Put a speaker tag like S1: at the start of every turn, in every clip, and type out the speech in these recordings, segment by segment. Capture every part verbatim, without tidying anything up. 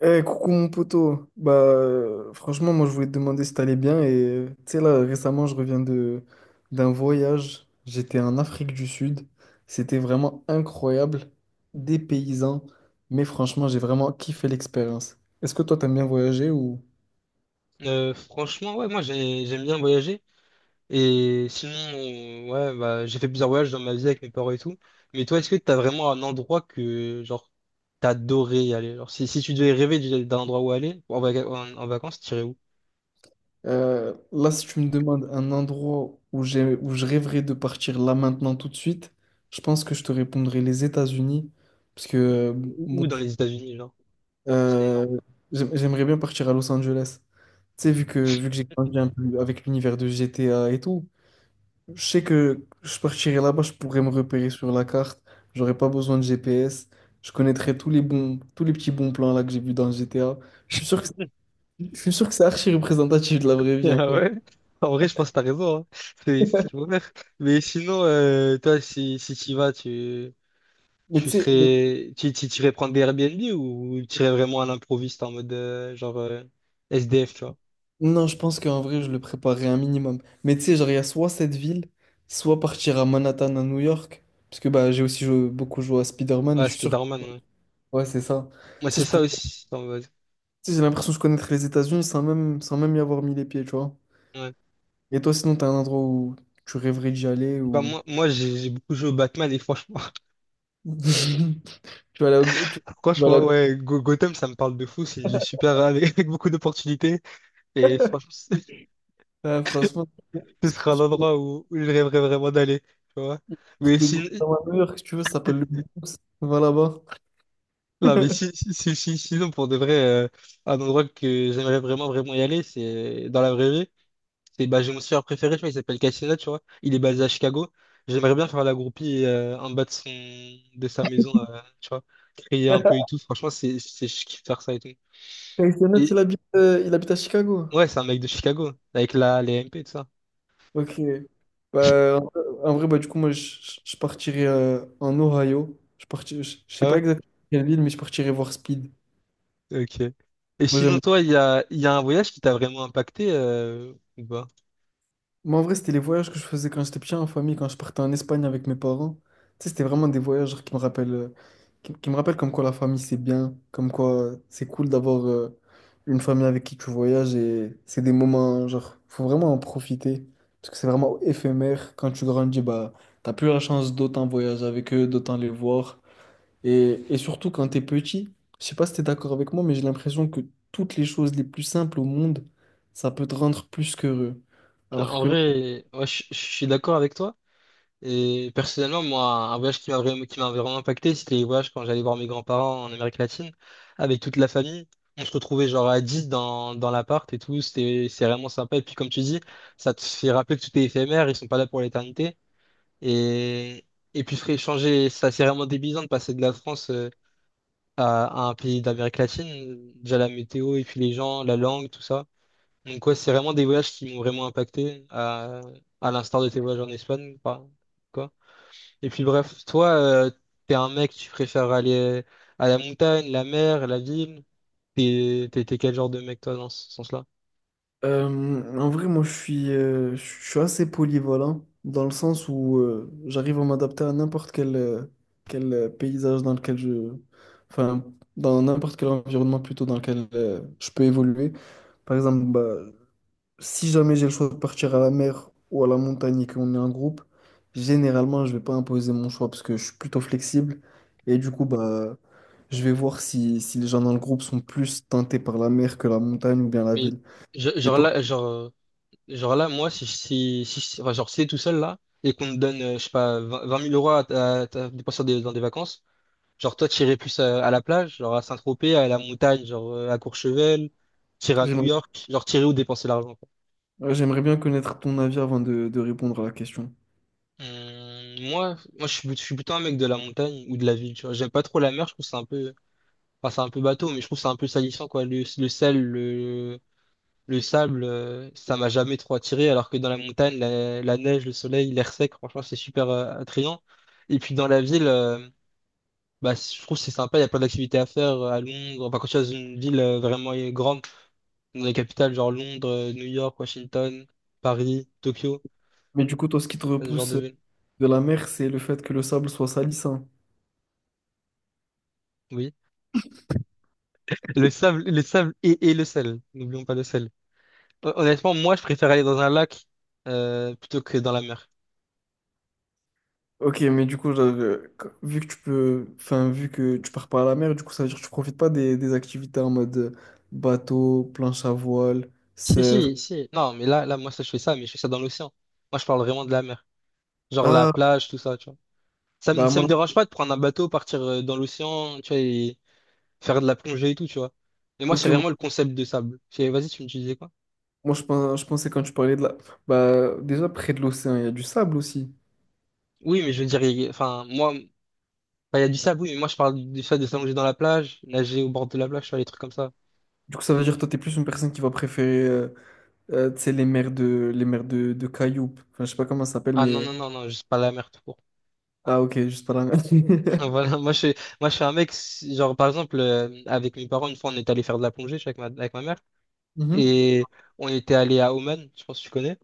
S1: Eh, coucou mon poteau. Bah, euh, franchement, moi je voulais te demander si t'allais bien. Et euh, tu sais, là, récemment, je reviens de d'un voyage. J'étais en Afrique du Sud. C'était vraiment incroyable. Des paysans. Mais franchement, j'ai vraiment kiffé l'expérience. Est-ce que toi, t'aimes bien voyager ou
S2: Euh, franchement, ouais, moi j'ai- j'aime bien voyager. Et sinon, euh, ouais, bah, j'ai fait plusieurs voyages dans ma vie avec mes parents et tout. Mais toi, est-ce que t'as vraiment un endroit que, genre, t'adorais y aller? Genre, si, si tu devais rêver d'y- d'un endroit où aller, en, vaca- en, en vacances, t'irais où?
S1: Euh, là, si tu me demandes un endroit où j'ai où je rêverais de partir là maintenant tout de suite, je pense que je te répondrai les États-Unis. Parce que euh,
S2: Ou,
S1: mon
S2: ou dans les États-Unis, genre. C'est
S1: Euh,
S2: énorme.
S1: j'aim- j'aimerais bien partir à Los Angeles. Tu sais, vu que, vu que j'ai grandi un peu avec l'univers de G T A et tout, je sais que je partirais là-bas, je pourrais me repérer sur la carte, j'aurais pas besoin de G P S, je connaîtrais tous les bons, tous les petits bons plans là que j'ai vus dans le G T A. Je suis sûr que, c'est- je suis sûr que c'est archi représentatif de la vraie vie en
S2: Ah
S1: fait.
S2: ouais? En vrai, je pense que t'as raison, hein. C'est c'est ce qu'il faut faire. Mais sinon, euh, toi, si, si t'y vas, tu,
S1: Mais tu
S2: tu
S1: sais, le-
S2: serais, tu, tu, tu irais prendre des Airbnb ou tu irais vraiment à l'improviste en mode, euh, genre, euh, S D F, tu vois?
S1: non, je pense qu'en vrai, je le préparerais un minimum. Mais tu sais, genre, il y a soit cette ville, soit partir à Manhattan, à New York. Parce que bah, j'ai aussi joué- beaucoup joué à Spider-Man et
S2: Ouais,
S1: je suis sûr.
S2: Spider-Man, ouais.
S1: Ouais, c'est ça.
S2: Moi,
S1: Tu sais,
S2: c'est
S1: je
S2: ça
S1: pour- tu
S2: aussi, en mode,
S1: sais, j'ai l'impression de connaître les États-Unis sans même, sans même y avoir mis les pieds, tu vois.
S2: ouais.
S1: Et toi, sinon, t'as un endroit où tu rêverais d'y aller
S2: Bah,
S1: ou...
S2: moi, moi j'ai j'ai beaucoup joué au Batman et franchement,
S1: Tu vas là... au- Tu... tu vas là...
S2: franchement, ouais, Go- Gotham, ça me parle de fou. C'est une ville super avec, avec beaucoup d'opportunités. Et franchement, ce
S1: Ouais, franchement, je
S2: ce serait un
S1: je fais un
S2: endroit où, où je rêverais vraiment d'aller. Tu vois?
S1: truc
S2: Mais
S1: de
S2: si,
S1: Guantanamo, si tu veux, ça s'appelle le Bronx. Va là-bas.
S2: non, mais si, si, si- si- Sinon, pour de vrai, euh, un endroit que j'aimerais vraiment, vraiment y aller, c'est dans la vraie vie. C'est bah, j'ai mon surfeur préféré, tu vois, il s'appelle Cassina, tu vois. Il est basé à Chicago. J'aimerais bien faire la groupie euh, en bas de son de sa maison, euh, tu vois. Crier un peu et tout. Franchement, c'est c'est je kiffe faire ça et tout.
S1: Kenneth,
S2: Et
S1: il habite, euh, il habite à Chicago.
S2: ouais, c'est un mec de Chicago, avec la les M P et tout ça.
S1: Ok. Bah, en en vrai, bah, du coup, moi, je, je- je partirais euh, en Ohio. Je partirais, je, je sais
S2: Ah
S1: pas
S2: ouais?
S1: exactement quelle ville, mais je partirais voir Speed.
S2: Ok. Et
S1: Moi,
S2: sinon,
S1: j'aime
S2: toi, il y a, il y a un voyage qui t'a vraiment impacté euh, ou pas?
S1: Moi, en vrai, c'était les voyages que je faisais quand j'étais petit en famille, quand je partais en Espagne avec mes parents. Tu sais, c'était vraiment des voyages genre, qui me rappellent, euh, qui, qui me rappellent comme quoi la famille, c'est bien, comme quoi euh, c'est cool d'avoir euh, une famille avec qui tu voyages et c'est des moments, genre, faut vraiment en profiter parce que c'est vraiment éphémère. Quand tu grandis, bah, t'as plus la chance d'autant voyager avec eux, d'autant les voir. Et, et surtout quand t'es petit, je sais pas si t'es d'accord avec moi, mais j'ai l'impression que toutes les choses les plus simples au monde, ça peut te rendre plus qu'heureux.
S2: Non,
S1: Alors
S2: en
S1: que là,
S2: vrai, ouais, je je suis d'accord avec toi. Et personnellement, moi, un voyage qui m'a vraiment, qui m'a vraiment impacté, c'était les voyages quand j'allais voir mes grands-parents en Amérique latine, avec toute la famille. On se retrouvait genre à dix dans, dans l'appart et tout, c'était, c'est vraiment sympa. Et puis comme tu dis, ça te fait rappeler que tout est éphémère, ils sont pas là pour l'éternité. Et, et puis frère, changer, ça c'est vraiment débilisant de passer de la France euh, à, à un pays d'Amérique latine. Déjà la météo et puis les gens, la langue, tout ça. Donc ouais, c'est vraiment des voyages qui m'ont vraiment impacté, à, à l'instar de tes voyages en Espagne, quoi. Et puis bref, toi, euh, t'es un mec, tu préfères aller à la montagne, la mer, la ville. T'es, t'es, t'es quel genre de mec, toi, dans ce sens-là?
S1: Euh, en vrai, moi, je suis, euh, je suis assez polyvalent dans le sens où euh, j'arrive à m'adapter à n'importe quel, euh, quel euh, paysage dans lequel je... Enfin, dans n'importe quel environnement plutôt dans lequel euh, je peux évoluer. Par exemple, bah, si jamais j'ai le choix de partir à la mer ou à la montagne et qu'on est en groupe, généralement, je vais pas imposer mon choix parce que je suis plutôt flexible. Et du coup, bah, je vais voir si, si les gens dans le groupe sont plus tentés par la mer que la montagne ou bien la
S2: Mais
S1: ville.
S2: je-
S1: Et
S2: genre
S1: toi?
S2: là, genre, euh, genre là, moi, si, si, si, si- enfin, genre, si t'es tout seul là, et qu'on te donne, euh, je sais pas, vingt 20 000 euros à, à, à dépenser dans des, dans des vacances, genre, toi, t'irais plus à, à la plage, genre à Saint-Tropez, à la montagne, genre euh, à Courchevel, t'irais à New York, genre, t'irais où dépenser l'argent, quoi.
S1: Ouais, j'aimerais bien connaître ton avis avant de, de répondre à la question.
S2: Hum, moi, moi je suis, je suis plutôt un mec de la montagne ou de la ville, tu vois. J'aime pas trop la mer, je trouve que c'est un peu. Enfin, c'est un peu bateau, mais je trouve que c'est un peu salissant, quoi. Le, le sel, le, le sable, euh, ça m'a jamais trop attiré, alors que dans la montagne, la, la neige, le soleil, l'air sec, franchement, c'est super euh, attrayant. Et puis dans la ville, euh, bah, je trouve que c'est sympa, il y a plein d'activités à faire euh, à Londres. Enfin, quand tu es dans une ville euh, vraiment euh, grande, dans les capitales, genre Londres, euh, New York, Washington, Paris, Tokyo,
S1: Mais du coup, toi, ce qui te
S2: ce genre de
S1: repousse
S2: ville.
S1: de la mer, c'est le fait que le sable soit sali, ça.
S2: Oui. Le sable, le sable et, et le sel. N'oublions pas le sel. Hon- Honnêtement, moi, je préfère aller dans un lac euh, plutôt que dans la mer.
S1: Ok, mais du coup, j'avais- vu que tu peux, enfin, vu que tu pars pas à la mer, du coup, ça veut dire que tu profites pas des, des activités en mode euh, bateau, planche à voile,
S2: Si,
S1: surf.
S2: si, si. Non, mais là, là, moi, ça, je fais ça, mais je fais ça dans l'océan. Moi, je parle vraiment de la mer. Genre la
S1: Ah,
S2: plage, tout ça, tu vois. Ça me,
S1: bah
S2: ça me
S1: moi,
S2: dérange pas de prendre un bateau, partir euh, dans l'océan, tu vois, et faire de la plongée et tout, tu vois. Mais moi,
S1: ok,
S2: c'est
S1: moi,
S2: vraiment le concept de sable. Je fais, vas-y, tu me tu disais quoi?
S1: moi, je pense, je pensais quand tu parlais de la, bah déjà près de l'océan, il y a du sable aussi.
S2: Oui, mais je veux dire, il- enfin, moi, enfin, il y a du sable, oui, mais moi, je parle du fait de s'allonger dans la plage, nager au bord de la plage, tu vois, les trucs comme ça.
S1: Du coup, ça veut dire que toi, t'es plus une personne qui va préférer, euh, euh, tu sais, les mers de, les mers de, de Cayup. Enfin, je sais pas comment ça s'appelle,
S2: Ah non,
S1: mais.
S2: non, non, non, juste pas la mer tout court.
S1: Ah, ok, juste pas la mer.
S2: Voilà, moi, je, suis- moi, je suis un mec, si, genre, par exemple, euh, avec mes parents, une fois, on est allé faire de la plongée, je suis avec ma, avec ma mère.
S1: Mhm.
S2: Et on était allé à Oman, je pense que tu connais.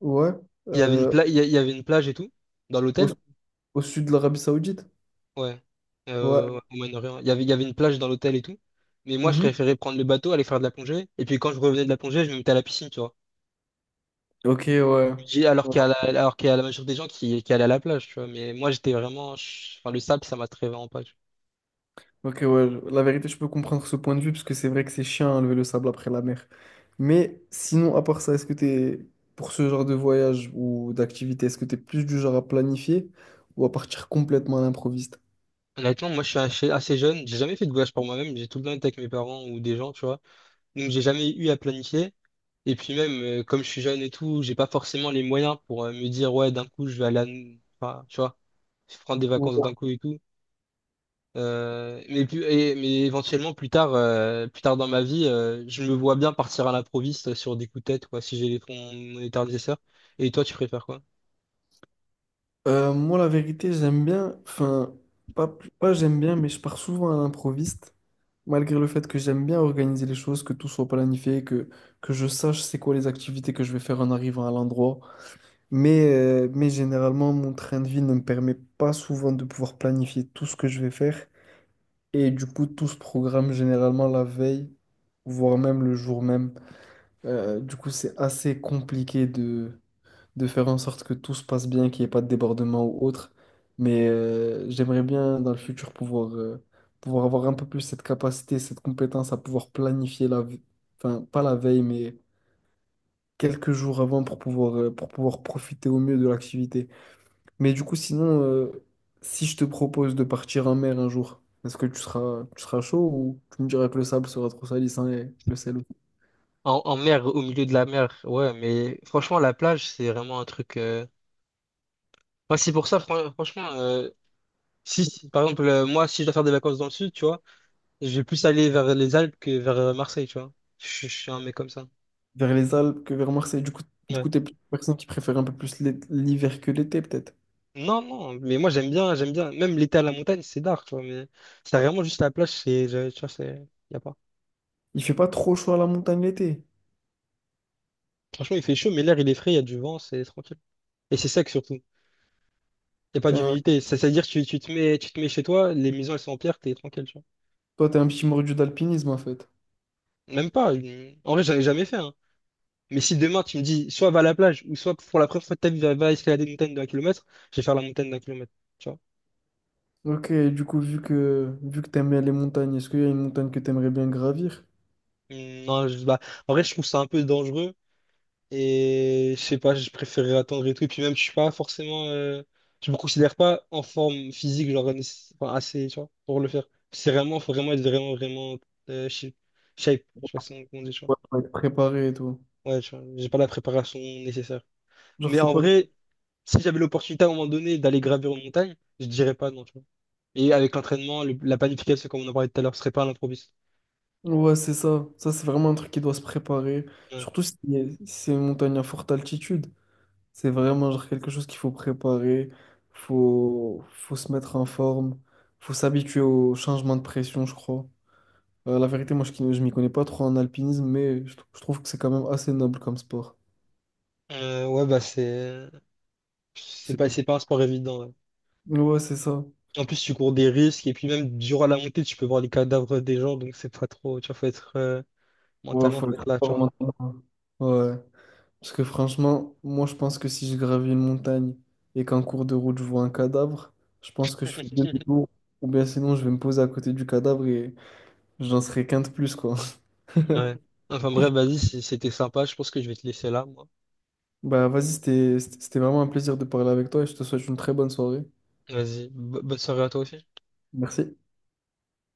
S1: Ouais.
S2: Il y avait une
S1: Euh,
S2: pla- il y a- il y avait une plage et tout, dans
S1: au,
S2: l'hôtel.
S1: au sud de l'Arabie Saoudite.
S2: Ouais.
S1: Ouais.
S2: Euh, ouais, Oman, Orient. Il y avait, il y avait une plage dans l'hôtel et tout. Mais moi, je
S1: Mhm.
S2: préférais prendre le bateau, aller faire de la plongée. Et puis quand je revenais de la plongée, je me mettais à la piscine, tu vois.
S1: Ok, ouais.
S2: Je Alors qu'il y a la, alors qu'il y a la majorité des gens qui, qui allaient à la plage, tu vois. Mais moi, j'étais vraiment, je- enfin, le sable, ça m'attirait vraiment pas, tu
S1: Ok, ouais. La vérité, je peux comprendre ce point de vue parce que c'est vrai que c'est chiant à lever le sable après la mer. Mais sinon, à part ça, est-ce que t'es, pour ce genre de voyage ou d'activité, est-ce que t'es plus du genre à planifier ou à partir complètement à l'improviste?
S2: vois. Honnêtement, moi, je suis assez assez jeune. J'ai jamais fait de voyage pour moi-même. J'ai tout le temps été avec mes parents ou des gens, tu vois. Donc, j'ai jamais eu à planifier. Et puis même, euh, comme je suis jeune et tout, j'ai pas forcément les moyens pour euh, me dire, ouais, d'un coup, je vais aller à... N- enfin, tu vois, je prends des vacances d'un coup et tout. Euh, mais, plus, et- mais éventuellement, plus tard, euh, plus tard dans ma vie, euh, je me vois bien partir à l'improviste sur des coups de tête, quoi, si j'ai les fonds mon état nécessaire. Et toi, tu préfères quoi?
S1: Euh, moi, la vérité, j'aime bien, enfin, pas, plus- pas j'aime bien, mais je pars souvent à l'improviste, malgré le fait que j'aime bien organiser les choses, que tout soit planifié, que, que je sache c'est quoi les activités que je vais faire en arrivant à l'endroit. Mais, euh, mais généralement, mon train de vie ne me permet pas souvent de pouvoir planifier tout ce que je vais faire. Et du coup, tout se programme généralement la veille, voire même le jour même. Euh, du coup, c'est assez compliqué de faire en sorte que tout se passe bien, qu'il n'y ait pas de débordement ou autre. Mais euh, j'aimerais bien dans le futur pouvoir, euh, pouvoir avoir un peu plus cette capacité, cette compétence à pouvoir planifier la ve- enfin pas la veille, mais quelques jours avant pour pouvoir, euh, pour pouvoir profiter au mieux de l'activité. Mais du coup, sinon, euh, si je te propose de partir en mer un jour, est-ce que tu seras, tu seras chaud ou tu me diras que le sable sera trop salissant et le sel aussi
S2: En, en mer, au milieu de la mer, ouais, mais franchement, la plage, c'est vraiment un truc. euh, Moi, c'est pour ça, fran- franchement, euh, si, si- par exemple, euh, moi, si je dois faire des vacances dans le sud, tu vois, je vais plus aller vers les Alpes que vers euh, Marseille, tu vois. Je, je suis un mec comme ça.
S1: vers les Alpes que vers Marseille? Du coup, du
S2: Ouais.
S1: coup, t'es plutôt une personne qui préfère un peu plus l'é- l'hiver que l'été, peut-être.
S2: Non, non, mais moi, j'aime bien, j'aime bien. Même l'été à la montagne, c'est dark, tu vois, mais c'est vraiment juste la plage, c'est, je- tu vois, c'est, y a pas.
S1: Il fait pas trop chaud à la montagne l'été.
S2: Franchement, il fait chaud, mais l'air, il est frais, il y a du vent, c'est tranquille. Et c'est sec surtout. Y a pas
S1: T'es un-
S2: d'humidité. Ça, c'est-à-dire, tu, tu te mets, tu te mets chez toi, les maisons, elles sont en pierre, t'es tranquille, tu vois.
S1: Toi, t'es un petit mordu d'alpinisme en fait.
S2: Même pas. une- En vrai, j'en ai jamais fait, hein. Mais si demain tu me dis soit va à la plage ou soit pour la première fois de ta vie va, va escalader une montagne d'un kilomètre, je vais faire la montagne d'un kilomètre. Tu vois?
S1: Ok, du coup, vu que vu que t'aimes bien les montagnes, est-ce qu'il y a une montagne que t'aimerais bien gravir?
S2: Mm, Non, je- bah, en vrai, je trouve ça un peu dangereux et je sais pas, je préférerais attendre et tout. Et puis même, je suis pas forcément, euh, je me considère pas en forme physique, genre nécess- enfin, assez, tu vois, pour le faire. C'est vraiment, faut vraiment être vraiment, vraiment euh, shape. Shape. Je sais pas si on comment on dit, tu vois.
S1: Ouais, faut être préparé et tout.
S2: Ouais, tu vois, j'ai pas la préparation nécessaire.
S1: Genre,
S2: Mais
S1: c'est
S2: en
S1: pas.
S2: vrai. Si j'avais l'opportunité à un moment donné d'aller gravir une montagne, je dirais pas non, tu vois. Et avec l'entraînement, le- la planification, comme on en parlait tout à l'heure, ce serait pas à l'improviste.
S1: Ouais, c'est ça. Ça, c'est vraiment un truc qui doit se préparer.
S2: Ouais.
S1: Surtout si si c'est une montagne à forte altitude. C'est vraiment genre quelque chose qu'il faut préparer. Faut... faut se mettre en forme. Faut s'habituer au changement de pression, je crois. Euh, la vérité, moi, je ne m'y connais pas trop en alpinisme, mais je, trou- je trouve que c'est quand même assez noble comme sport.
S2: Euh, ouais, bah c'est c'est pas,
S1: C'est-
S2: c'est pas un sport évident, ouais.
S1: Ouais, c'est ça.
S2: En plus, tu cours des risques, et puis même durant la montée, tu peux voir les cadavres des gens, donc c'est pas trop, tu vois, faut être euh,
S1: Ouais,
S2: mentalement,
S1: faut
S2: faut être
S1: être
S2: là, tu
S1: fort
S2: vois.
S1: maintenant. Ouais. Parce que franchement, moi, je pense que si je gravis une montagne et qu'en cours de route, je vois un cadavre, je pense que je fais demi-tour. Ou bien sinon, je vais me poser à côté du cadavre et j'en serai qu'un de plus, quoi.
S2: Ouais. Enfin bref, vas-y, c- c'était sympa, je pense que je vais te laisser là, moi.
S1: Bah, vas-y, c'était c'était c'était vraiment un plaisir de parler avec toi et je te souhaite une très bonne soirée.
S2: Vas-y, bo- bonne soirée à toi aussi.
S1: Merci.